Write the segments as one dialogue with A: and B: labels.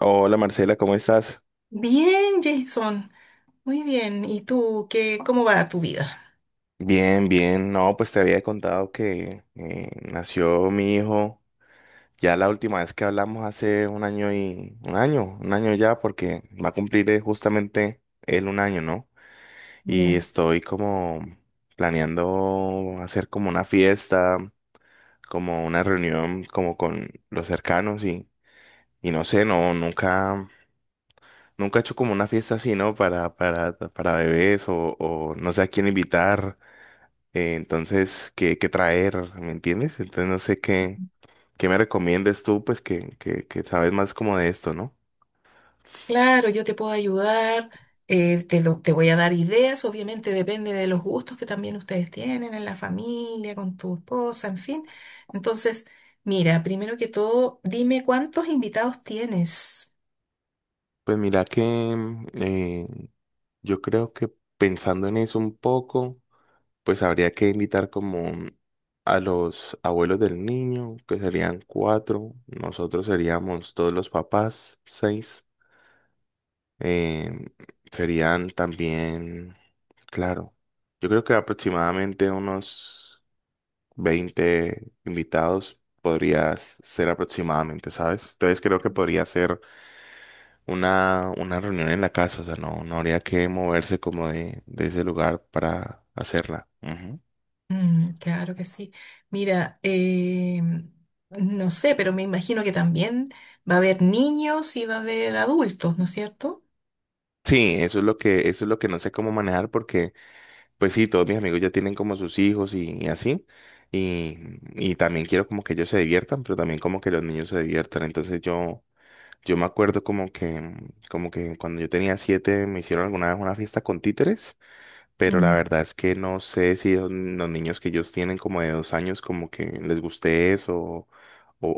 A: Hola Marcela, ¿cómo estás?
B: Bien, Jason. Muy bien. ¿Y tú qué, cómo va tu vida?
A: Bien, bien. No, pues te había contado que nació mi hijo. Ya la última vez que hablamos hace un año y un año ya, porque va a cumplir justamente él un año, ¿no? Y
B: Ya.
A: estoy como planeando hacer como una fiesta, como una reunión, como con los cercanos y no sé, no, nunca, nunca he hecho como una fiesta así, ¿no? Para bebés o no sé a quién invitar. Entonces, ¿qué traer? ¿Me entiendes? Entonces, no sé qué me recomiendes tú, pues que sabes más como de esto, ¿no?
B: Claro, yo te puedo ayudar. Te voy a dar ideas. Obviamente depende de los gustos que también ustedes tienen en la familia, con tu esposa, en fin. Entonces, mira, primero que todo, dime cuántos invitados tienes.
A: Pues mira que yo creo que pensando en eso un poco, pues habría que invitar como a los abuelos del niño, que serían cuatro, nosotros seríamos todos los papás, seis, eh, serían también, claro, yo creo que aproximadamente unos 20 invitados podrías ser aproximadamente, ¿sabes? Entonces creo que podría ser una reunión en la casa, o sea, no, no habría que moverse como de ese lugar para hacerla. Ujú.
B: Mm, claro que sí. Mira, no sé, pero me imagino que también va a haber niños y va a haber adultos, ¿no es cierto?
A: Sí, eso es lo que no sé cómo manejar porque, pues sí, todos mis amigos ya tienen como sus hijos y así. Y, y también quiero como que ellos se diviertan, pero también como que los niños se diviertan. Entonces yo me acuerdo como que cuando yo tenía 7 me hicieron alguna vez una fiesta con títeres. Pero la verdad es que no sé si los niños que ellos tienen como de 2 años como que les guste eso o,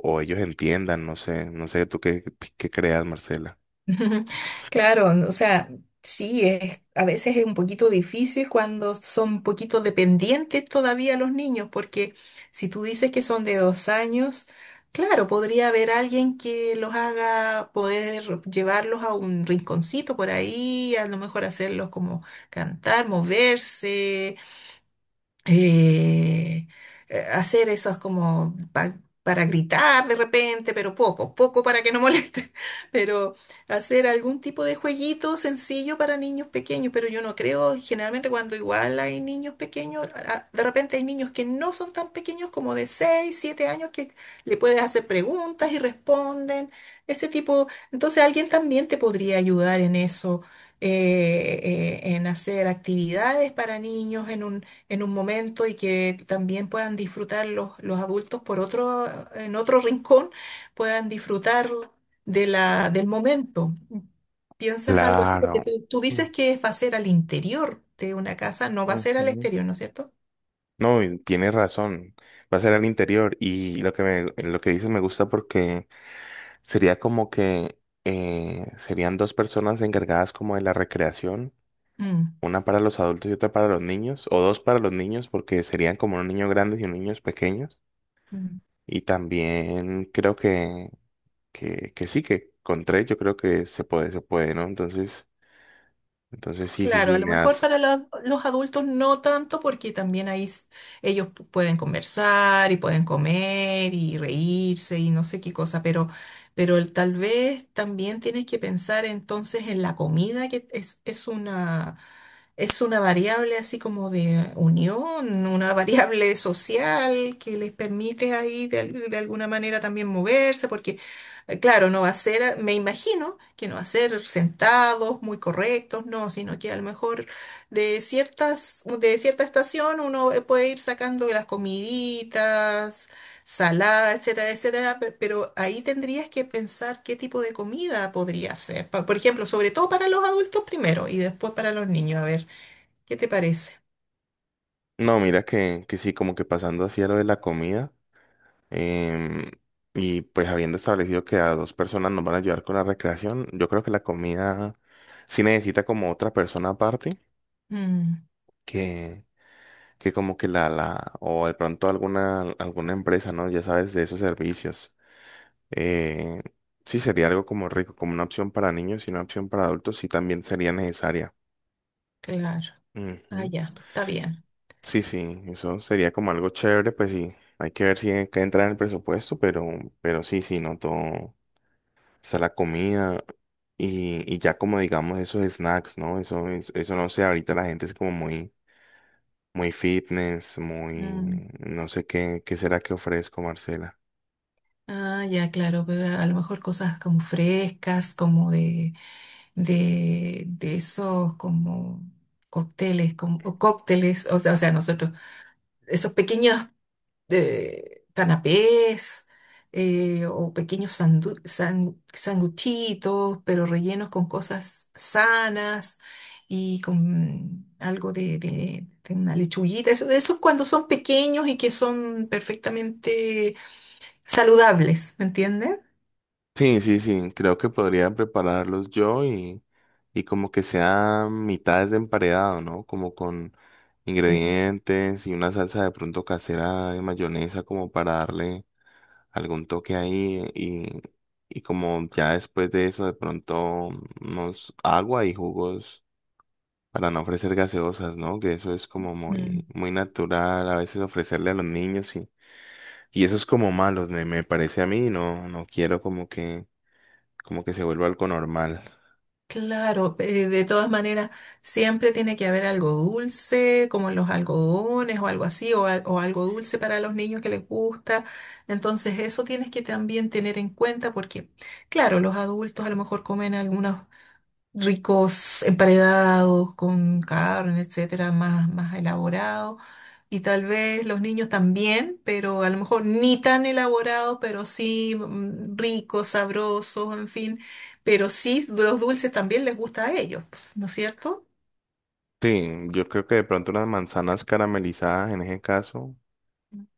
A: o ellos entiendan, no sé, no sé tú qué creas, Marcela.
B: Ujú. Claro, o sea, sí, a veces es un poquito difícil cuando son un poquito dependientes todavía los niños, porque si tú dices que son de dos años, claro, podría haber alguien que los haga poder llevarlos a un rinconcito por ahí, a lo mejor hacerlos como cantar, moverse, eh, hacer esos como para gritar de repente, pero poco, poco para que no molesten, pero hacer algún tipo de jueguito sencillo para niños pequeños, pero yo no creo, generalmente cuando igual hay niños pequeños, de repente hay niños que no son tan pequeños como de 6 7 años que le puedes hacer preguntas y responden, ese tipo, entonces alguien también te podría ayudar en eso en hacer actividades para niños, en un momento y que también puedan disfrutar los adultos por otro, en otro rincón, puedan disfrutar de del momento. ¿Piensas algo así? Porque
A: Claro.
B: tú dices que va a ser al interior de una casa, no va a ser al
A: Ujú.
B: exterior, ¿no es cierto?
A: No, y tienes razón. Va a ser al interior. Y lo que dices me gusta porque sería como que serían dos personas encargadas como de la recreación,
B: Mm,
A: una para los adultos y otra para los niños, o dos para los niños, porque serían como unos niños grandes y unos niños pequeños.
B: mm.
A: Y también creo que sí, que con tres yo creo que se puede, ¿no? Entonces sí, sí,
B: Claro,
A: sí,
B: a lo
A: me
B: mejor para
A: has...
B: los adultos no tanto porque también ahí ellos pueden conversar y pueden comer y reírse y no sé qué cosa, pero tal vez también tienes que pensar entonces en la comida, que es una variable así como de unión, una variable social que les permite ahí de alguna manera también moverse, porque claro, no va a ser, me imagino que no va a ser sentados, muy correctos, no, sino que a lo mejor de cierta estación uno puede ir sacando las comiditas, salada, etcétera, etcétera, pero ahí tendrías que pensar qué tipo de comida podría ser. Por ejemplo, sobre todo para los adultos primero y después para los niños, a ver. ¿Qué te parece?
A: No, mira que sí, como que pasando así a lo de la comida, em, y pues habiendo establecido que a dos personas nos van a ayudar con la recreación, yo creo que la comida sí necesita como otra persona aparte,
B: Mm,
A: que, que como que o de pronto alguna empresa, ¿no? Ya sabes, de esos servicios. Eh, sí, sería algo como rico, como una opción para niños y una opción para adultos, sí también sería necesaria.
B: claro. Ah,
A: Ujú.
B: ya, está bien.
A: Sí, sí, eso sería como algo chévere, pues sí, hay que ver si que entra en el presupuesto, pero sí, sí, no todo, está la comida y ya como digamos esos snacks, ¿no? Eso, no sé, ahorita la gente es como muy, muy fitness,
B: Mm.
A: muy, no sé qué será que ofrezco, Marcela.
B: Ya, claro, pero a lo mejor cosas como frescas, como de esos como cócteles, o cócteles, o sea, nosotros, esos pequeños de canapés o pequeños sanguchitos, pero rellenos con cosas sanas y con algo de, de una lechuguita. Eso es cuando son pequeños y que son perfectamente saludables, ¿me entiendes?
A: Sí, sí, sí, creo que podría prepararlos yo y como que sea mitades de emparedado, ¿no? Como con
B: Sí.
A: ingredientes y una salsa de pronto casera de mayonesa como para darle algún toque ahí y como ya después de eso de pronto unos agua y jugos para no ofrecer gaseosas, ¿no? Que eso es como muy, muy natural a veces ofrecerle a los niños y eso es como malo, me parece a mí, no, no quiero como que se vuelva algo normal.
B: Claro, de todas maneras, siempre tiene que haber algo dulce, como los algodones o algo así, o algo dulce para los niños que les gusta. Entonces, eso tienes que también tener en cuenta porque, claro, los adultos a lo mejor comen algunos ricos emparedados con carne, etcétera, más elaborado. Y tal vez los niños también, pero a lo mejor ni tan elaborado, pero sí ricos, sabrosos, en fin. Pero sí, los dulces también les gusta a ellos, pues, ¿no es cierto?
A: Sí, yo creo que de pronto las manzanas caramelizadas en ese caso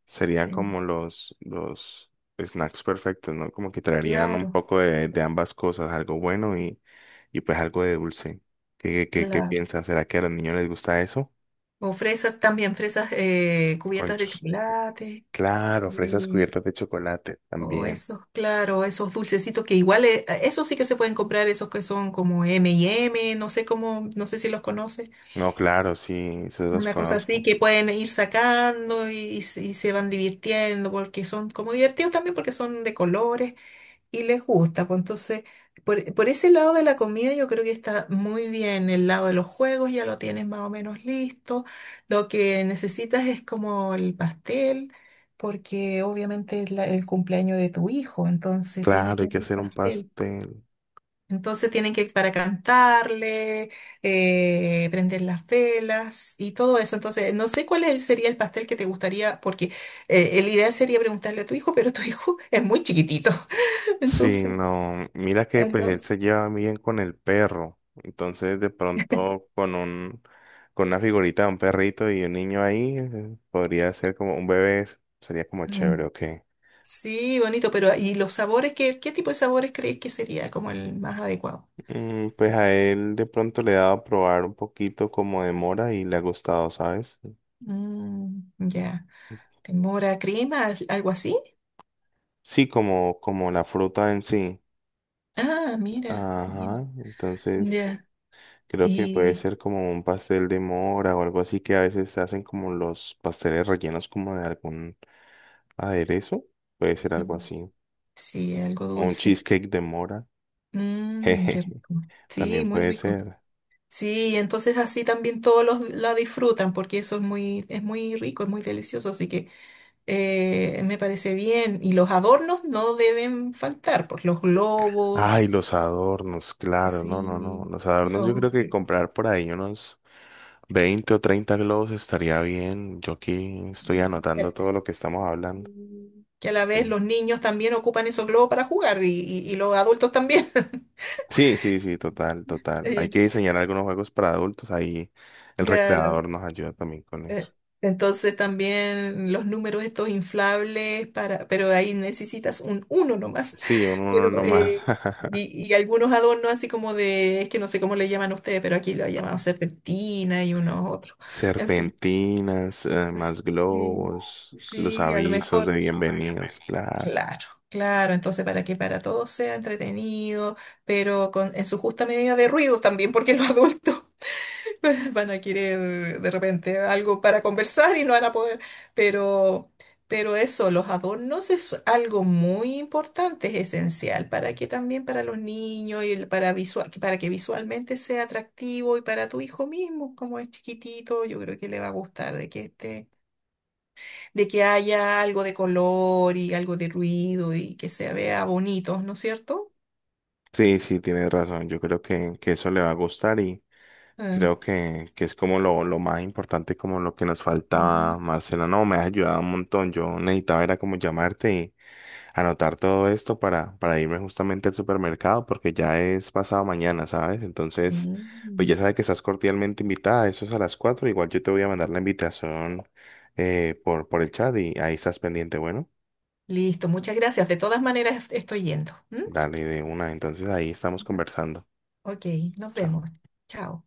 A: serían
B: Sí,
A: como los snacks perfectos, ¿no? Como que traerían un
B: claro,
A: poco de ambas cosas, algo bueno y pues algo de dulce. ¿Qué
B: claro.
A: piensas? ¿Será que a los niños les gusta eso?
B: O fresas también, fresas cubiertas de
A: Conchos.
B: chocolate.
A: Claro, fresas
B: eh,
A: cubiertas de chocolate
B: O
A: también.
B: esos, claro, esos dulcecitos que igual, esos sí que se pueden comprar, esos que son como M&M, no sé cómo, no sé si los conoces.
A: No, claro, sí, esos los
B: Una cosa así
A: conozco.
B: que pueden ir sacando y se y se van divirtiendo porque son como divertidos también porque son de colores y les gusta. Pues entonces, por ese lado de la comida yo creo que está muy bien. El lado de los juegos ya lo tienes más o menos listo. Lo que necesitas es como el pastel, porque obviamente es el cumpleaños de tu hijo, entonces tiene
A: Claro,
B: que
A: hay que
B: haber
A: hacer un
B: pastel.
A: pastel.
B: Entonces tienen que para cantarle, prender las velas y todo eso. Entonces, no sé cuál sería el pastel que te gustaría, porque el ideal sería preguntarle a tu hijo, pero tu hijo es muy chiquitito.
A: Sí,
B: Entonces,
A: no, mira que pues él
B: entonces,
A: se lleva bien con el perro, entonces de pronto con una figurita de un perrito y un niño ahí, podría ser como un bebé, sería como
B: mm,
A: chévere, ok.
B: sí, bonito, pero ¿y los sabores? ¿Qué, qué tipo de sabores crees que sería como el más adecuado?
A: Pues a él de pronto le he dado a probar un poquito como de mora y le ha gustado, ¿sabes?
B: Mm, ya. ¿Temora crema? ¿Algo así?
A: Sí, como la fruta en sí.
B: Ah, mira. Mira,
A: Ajá, entonces
B: ya.
A: creo que puede
B: Y
A: ser como un pastel de mora o algo así que a veces hacen como los pasteles rellenos como de algún aderezo. Puede ser algo
B: mm,
A: así.
B: sí, algo
A: O un
B: dulce.
A: cheesecake de mora.
B: Mmm, qué
A: Jeje,
B: rico. Sí,
A: también
B: muy
A: puede
B: rico.
A: ser.
B: Sí, entonces así también todos los la disfrutan porque eso es muy rico, es muy delicioso, así que me parece bien. Y los adornos no deben faltar, pues los
A: Ay,
B: globos.
A: los adornos, claro, no, no, no.
B: Sí,
A: Los adornos yo creo
B: los,
A: que
B: y-
A: comprar por ahí unos 20 o 30 globos estaría bien. Yo aquí estoy anotando todo
B: y-
A: lo que estamos hablando.
B: que a la vez los niños también ocupan esos globos para jugar y y los adultos también.
A: Sí, sí, sí, total, total. Hay que
B: Eh,
A: diseñar algunos juegos para adultos. Ahí el
B: Claro.
A: recreador nos ayuda también con eso.
B: eh, Entonces también los números estos inflables para, pero ahí necesitas un uno nomás.
A: Sí, uno, uno
B: Pero
A: no más.
B: y algunos adornos así como de, es que no sé cómo le llaman a ustedes, pero aquí lo llamamos serpentina y unos otros. En fin.
A: Serpentinas, más
B: Sí,
A: globos, los
B: sí, a lo
A: avisos de
B: mejor.
A: bienvenidos, claro.
B: Claro, claro, entonces para que para todos sea entretenido, pero con, en su justa medida de ruido también, porque los adultos van a querer de repente algo para conversar y no van a poder, pero, pero eso, los adornos es algo muy importante, es esencial para que también para los niños y para visual, para que visualmente sea atractivo y para tu hijo mismo, como es chiquitito, yo creo que le va a gustar de que esté de que haya algo de color y algo de ruido y que se vea bonito, ¿no es cierto?
A: Sí, sí, tienes razón. Yo creo que eso le va a gustar y
B: Ah,
A: creo que es como lo más importante, como lo que nos
B: ujú.
A: faltaba, Marcela. No, me has ayudado un montón. Yo necesitaba era como llamarte y anotar todo esto para irme justamente al supermercado porque ya es pasado mañana, ¿sabes? Entonces, pues
B: Mm.
A: ya sabes que estás cordialmente invitada. Eso es a las 4:00. Igual yo te voy a mandar la invitación por el chat y ahí estás pendiente. Bueno,
B: Listo, muchas gracias. De todas maneras, estoy yendo. ¿M?
A: dale de una. Entonces ahí estamos conversando.
B: Ok, nos
A: Chao.
B: vemos. Chao.